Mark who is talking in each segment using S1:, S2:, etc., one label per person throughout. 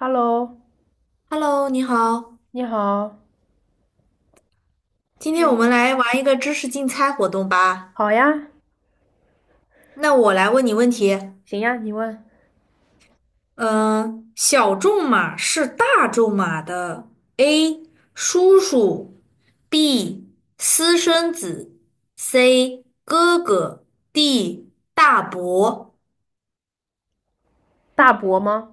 S1: Hello，
S2: Hello，你好，
S1: 你好，
S2: 今天我
S1: 嗯，
S2: 们来玩一个知识竞猜活动吧。
S1: 好呀，
S2: 那我来问你问题，
S1: 行呀，你问
S2: 嗯、小众马是大众马的 A 叔叔，B 私生子，C 哥哥，D 大伯。
S1: 大伯吗？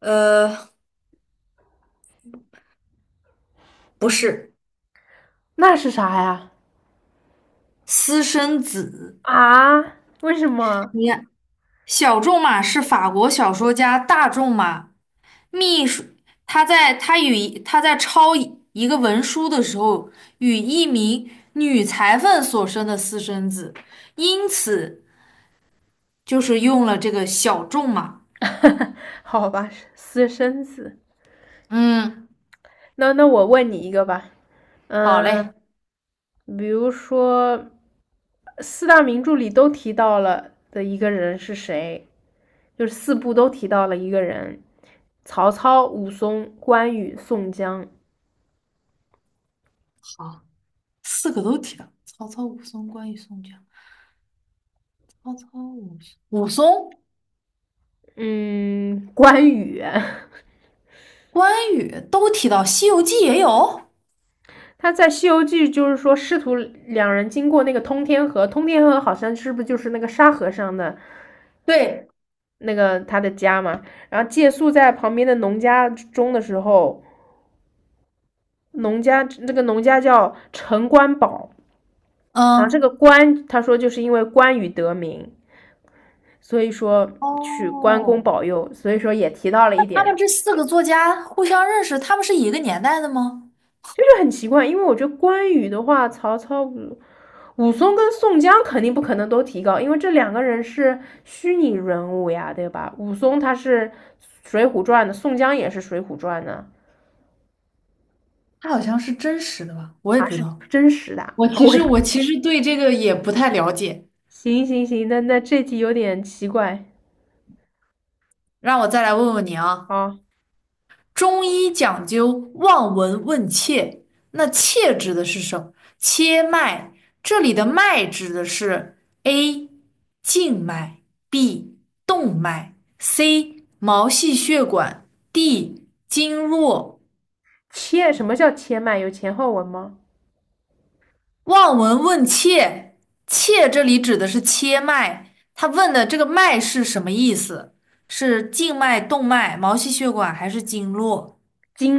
S2: 呃，不是
S1: 那是啥呀？
S2: 私生子。
S1: 啊？为什么？
S2: 你看，小众马是法国小说家大仲马秘书，他在抄一个文书的时候，与一名女裁缝所生的私生子，因此就是用了这个小仲嘛。
S1: 好吧，私生子。
S2: 嗯，
S1: 那我问你一个吧，
S2: 好
S1: 嗯，
S2: 嘞，
S1: 比如说四大名著里都提到了的一个人是谁？就是四部都提到了一个人，曹操、武松、关羽、宋江。
S2: 好，四个都提到，曹操、武松、关羽、宋江。曹操、武松、
S1: 嗯，关羽。
S2: 关羽都提到，《西游记》也有。
S1: 他在《西游记》就是说，师徒两人经过那个通天河，通天河好像是不是就是那个沙和尚的
S2: 对，
S1: 那个他的家嘛？然后借宿在旁边的农家中的时候，农家那个农家叫陈官宝，然后这个
S2: 嗯，
S1: 关他说就是因为关羽得名，所以说取关公
S2: 哦，
S1: 保佑，所以说也提到了一
S2: 他们
S1: 点。
S2: 这四个作家互相认识，他们是一个年代的吗？
S1: 这就是很奇怪，因为我觉得关羽的话，曹操、武松跟宋江肯定不可能都提高，因为这两个人是虚拟人物呀，对吧？武松他是《水浒传》的，宋江也是《水浒传》的，
S2: 它好像是真实的吧？我也
S1: 啊，
S2: 不知
S1: 是
S2: 道。
S1: 真实的。
S2: 我 其
S1: 我
S2: 实我其实对这个也不太了解，
S1: 行行行，那这题有点奇怪
S2: 让我再来问问你啊。
S1: 啊。
S2: 中医讲究望闻问切，那切指的是什么？切脉，这里的脉指的是 A 静脉，B 动脉，C 毛细血管，D 经络。
S1: 切，什么叫切脉？有前后文吗？
S2: 望闻问切，切这里指的是切脉，他问的这个脉是什么意思？是静脉、动脉、毛细血管还是经络？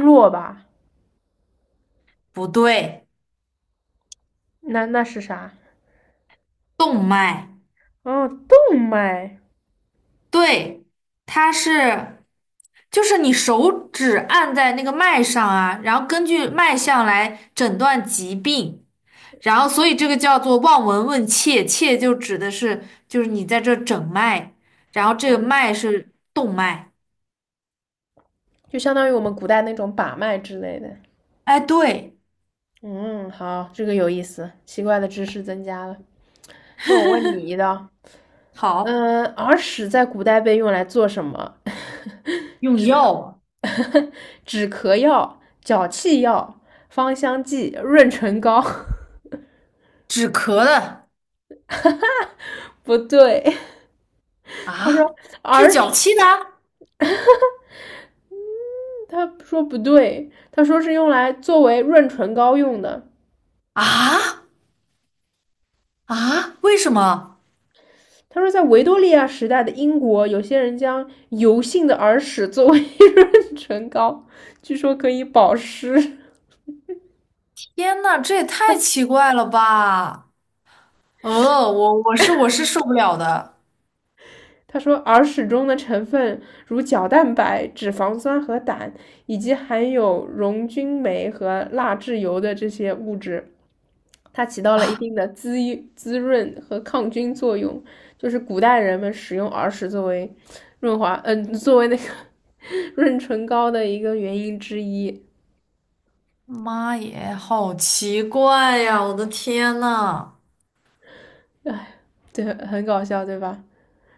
S1: 经络吧？
S2: 不对，
S1: 那是啥？
S2: 动脉。
S1: 哦，动脉，
S2: 对，它是，就是你手指按在那个脉上啊，然后根据脉象来诊断疾病，然后所以这个叫做望闻问切，切就指的是就是你在这诊脉，然后这个脉是动脉。
S1: 就相当于我们古代那种把脉之类的。
S2: 哎，对。
S1: 嗯，好，这个有意思，奇怪的知识增加了。那我问你 一道，
S2: 好，
S1: 嗯，耳屎在古代被用来做什么？
S2: 用药啊，
S1: 止咳药、脚气药、芳香剂、润唇膏？
S2: 止咳的
S1: 不对，
S2: 啊，治
S1: 耳
S2: 脚
S1: 屎
S2: 气的
S1: 他说不对，他说是用来作为润唇膏用的。
S2: 啊。啊，为什么？
S1: 他说，在维多利亚时代的英国，有些人将油性的耳屎作为 润唇膏，据说可以保湿。
S2: 天呐，这也太奇怪了吧！我是受不了的。
S1: 他说，耳屎中的成分如角蛋白、脂肪酸和胆，以及含有溶菌酶和蜡质油的这些物质，它起到了一定的滋润和抗菌作用。就是古代人们使用耳屎作为润滑，作为那个 润唇膏的一个原因之一。
S2: 妈耶，好奇怪呀！我的天呐，
S1: 对，很搞笑，对吧？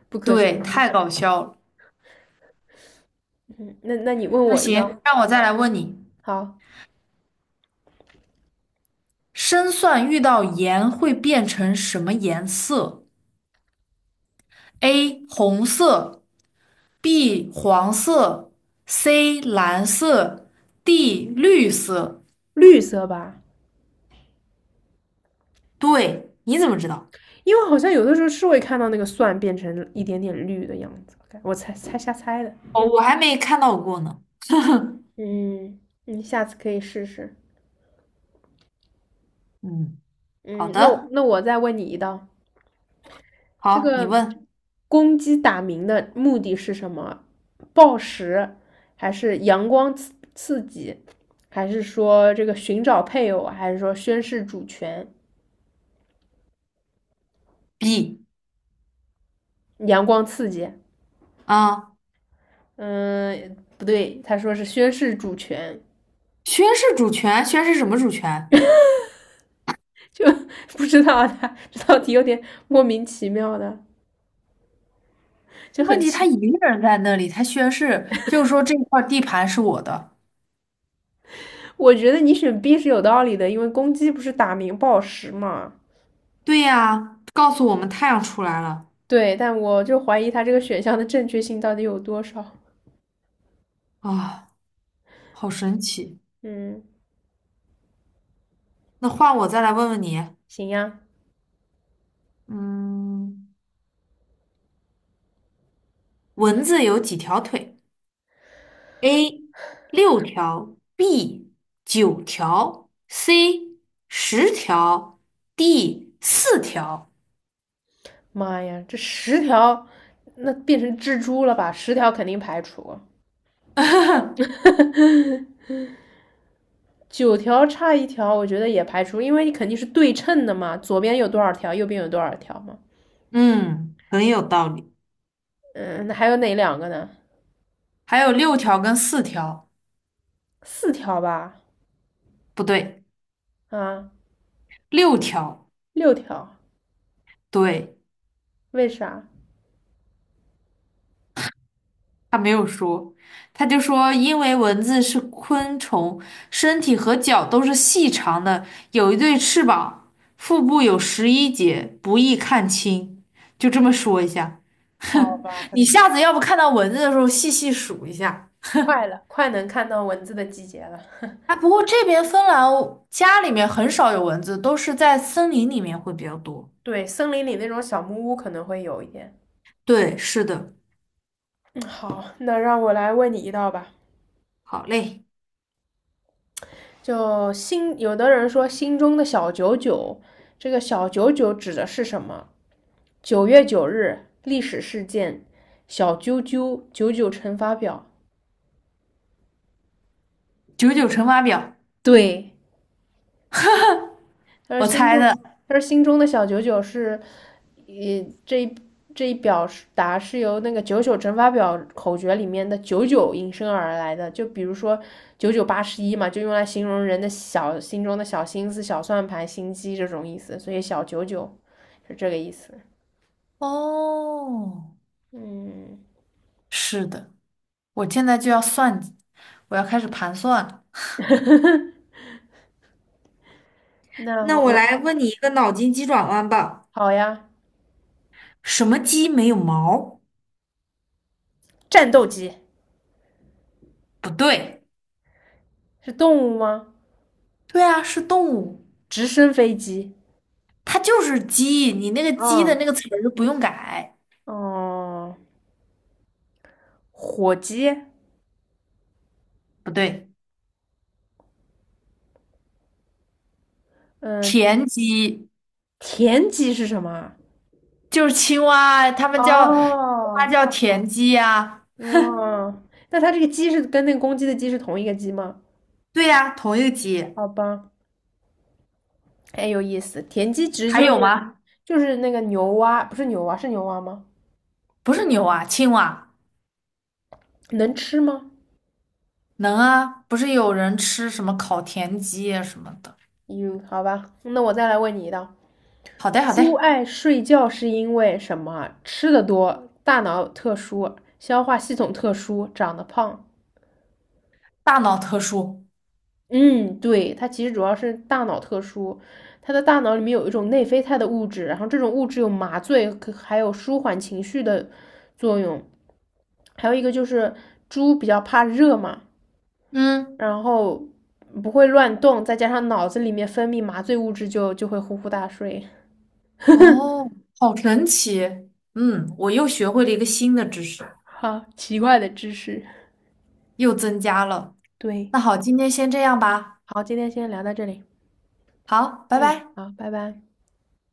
S1: 不可思
S2: 对，
S1: 议。
S2: 太搞笑了。
S1: 嗯那你问
S2: 那
S1: 我一
S2: 行，
S1: 道，
S2: 让我再来问你，
S1: 好，
S2: 生蒜遇到盐会变成什么颜色？A. 红色 B 黄色，C 蓝色，D 绿色。
S1: 绿色吧？
S2: 对，你怎么知道？
S1: 因为好像有的时候是会看到那个蒜变成一点点绿的样子，我猜猜瞎猜的。
S2: 哦，我还没看到过呢。
S1: 嗯，你下次可以试试。
S2: 嗯，好
S1: 嗯，那我
S2: 的，
S1: 那我再问你一道，这
S2: 好，你
S1: 个
S2: 问
S1: 公鸡打鸣的目的是什么？报时，还是阳光刺激，还是说这个寻找配偶，还是说宣誓主权？
S2: B
S1: 阳光刺激，
S2: 啊，
S1: 嗯，不对，他说是宣誓主权，
S2: 宣誓主权，宣誓什么主权？
S1: 就 不知道他这道题有点莫名其妙的。就
S2: 问
S1: 很
S2: 题他
S1: 奇。
S2: 一个人在那里，他宣誓，就是说这块地盘是我的。
S1: 我觉得你选 B 是有道理的，因为公鸡不是打鸣报时嘛。
S2: 对呀，告诉我们太阳出来了
S1: 对，但我就怀疑它这个选项的正确性到底有多少。
S2: 啊，好神奇。
S1: 嗯，
S2: 那换我再来问问你，
S1: 行呀，
S2: 嗯，蚊子有几条腿？A 六条，B 九条，C 十条，D 四条。
S1: 妈呀，这十条那变成蜘蛛了吧？十条肯定排除，九条差一条，我觉得也排除，因为你肯定是对称的嘛，左边有多少条，右边有多少条嘛。
S2: 嗯，很有道理。
S1: 嗯，那还有哪两个呢？
S2: 还有六条跟四条，
S1: 四条吧？
S2: 不对，
S1: 啊，
S2: 六条，
S1: 六条，
S2: 对。
S1: 为啥？
S2: 他没有说，他就说因为蚊子是昆虫，身体和脚都是细长的，有一对翅膀，腹部有11节，不易看清。就这么说一下，
S1: 好
S2: 哼，
S1: 吧，很
S2: 你
S1: 奇。
S2: 下次要不看到蚊子的时候细细数一下。
S1: 快了，快能看到蚊子的季节了。
S2: 啊，不过这边芬兰家里面很少有蚊子，都是在森林里面会比较多。
S1: 对，森林里那种小木屋可能会有一点。
S2: 对，是的，
S1: 嗯，好，那让我来问你一道吧。
S2: 好嘞，
S1: 就心，有的人说心中的小九九，这个小九九指的是什么？九月九日历史事件，小啾啾九九乘法表。
S2: 九九乘法表，
S1: 对，他说
S2: 我
S1: 心
S2: 猜
S1: 中，
S2: 的。
S1: 他说心中的小九九是，呃，这一这一表是由那个九九乘法表口诀里面的九九引申而来的。就比如说九九八十一嘛，就用来形容人的小心中的小心思、小算盘、心机这种意思。所以小九九是这个意思。
S2: 哦，
S1: 嗯，
S2: 是的。我现在就要算计，我要开始盘算了。
S1: 那
S2: 那
S1: 我
S2: 我
S1: 我
S2: 来问你一个脑筋急转弯吧。
S1: 好呀。
S2: 什么鸡没有毛？
S1: 战斗机
S2: 不对，
S1: 是动物吗？
S2: 对啊，是动物，
S1: 直升飞机。
S2: 它就是鸡。你那个鸡的
S1: 啊，
S2: 那个词儿不用改，
S1: 哦，火机。
S2: 不对，
S1: 嗯、
S2: 田鸡
S1: 田鸡是什么？
S2: 就是青蛙，它们叫
S1: 哦，
S2: 它叫田鸡呀、
S1: 嗯，那它这个鸡是跟那个公鸡的鸡是同一个鸡吗？
S2: 对呀、同一个鸡。
S1: 好吧，哎，有意思。田鸡其实
S2: 还
S1: 就是
S2: 有吗？
S1: 那个牛蛙，不是牛蛙，是牛蛙吗？
S2: 不是牛啊，青蛙
S1: 能吃吗？
S2: 能啊，不是有人吃什么烤田鸡啊什么的。
S1: 嗯，好吧，那我再来问你一道：
S2: 好的，好
S1: 猪
S2: 的，
S1: 爱睡觉是因为什么？吃的多，大脑特殊，消化系统特殊，长得胖。
S2: 大脑特殊。
S1: 嗯，对，它其实主要是大脑特殊，它的大脑里面有一种内啡肽的物质，然后这种物质有麻醉，可还有舒缓情绪的作用。还有一个就是猪比较怕热嘛，
S2: 嗯。
S1: 然后不会乱动，再加上脑子里面分泌麻醉物质就会呼呼大睡。
S2: 哦，好神奇！嗯，我又学会了一个新的知识，
S1: 好，奇怪的知识。
S2: 又增加了。
S1: 对，
S2: 那好，今天先这样吧。
S1: 好，今天先聊到这里。
S2: 好，拜
S1: 嗯，
S2: 拜。
S1: 好，拜拜。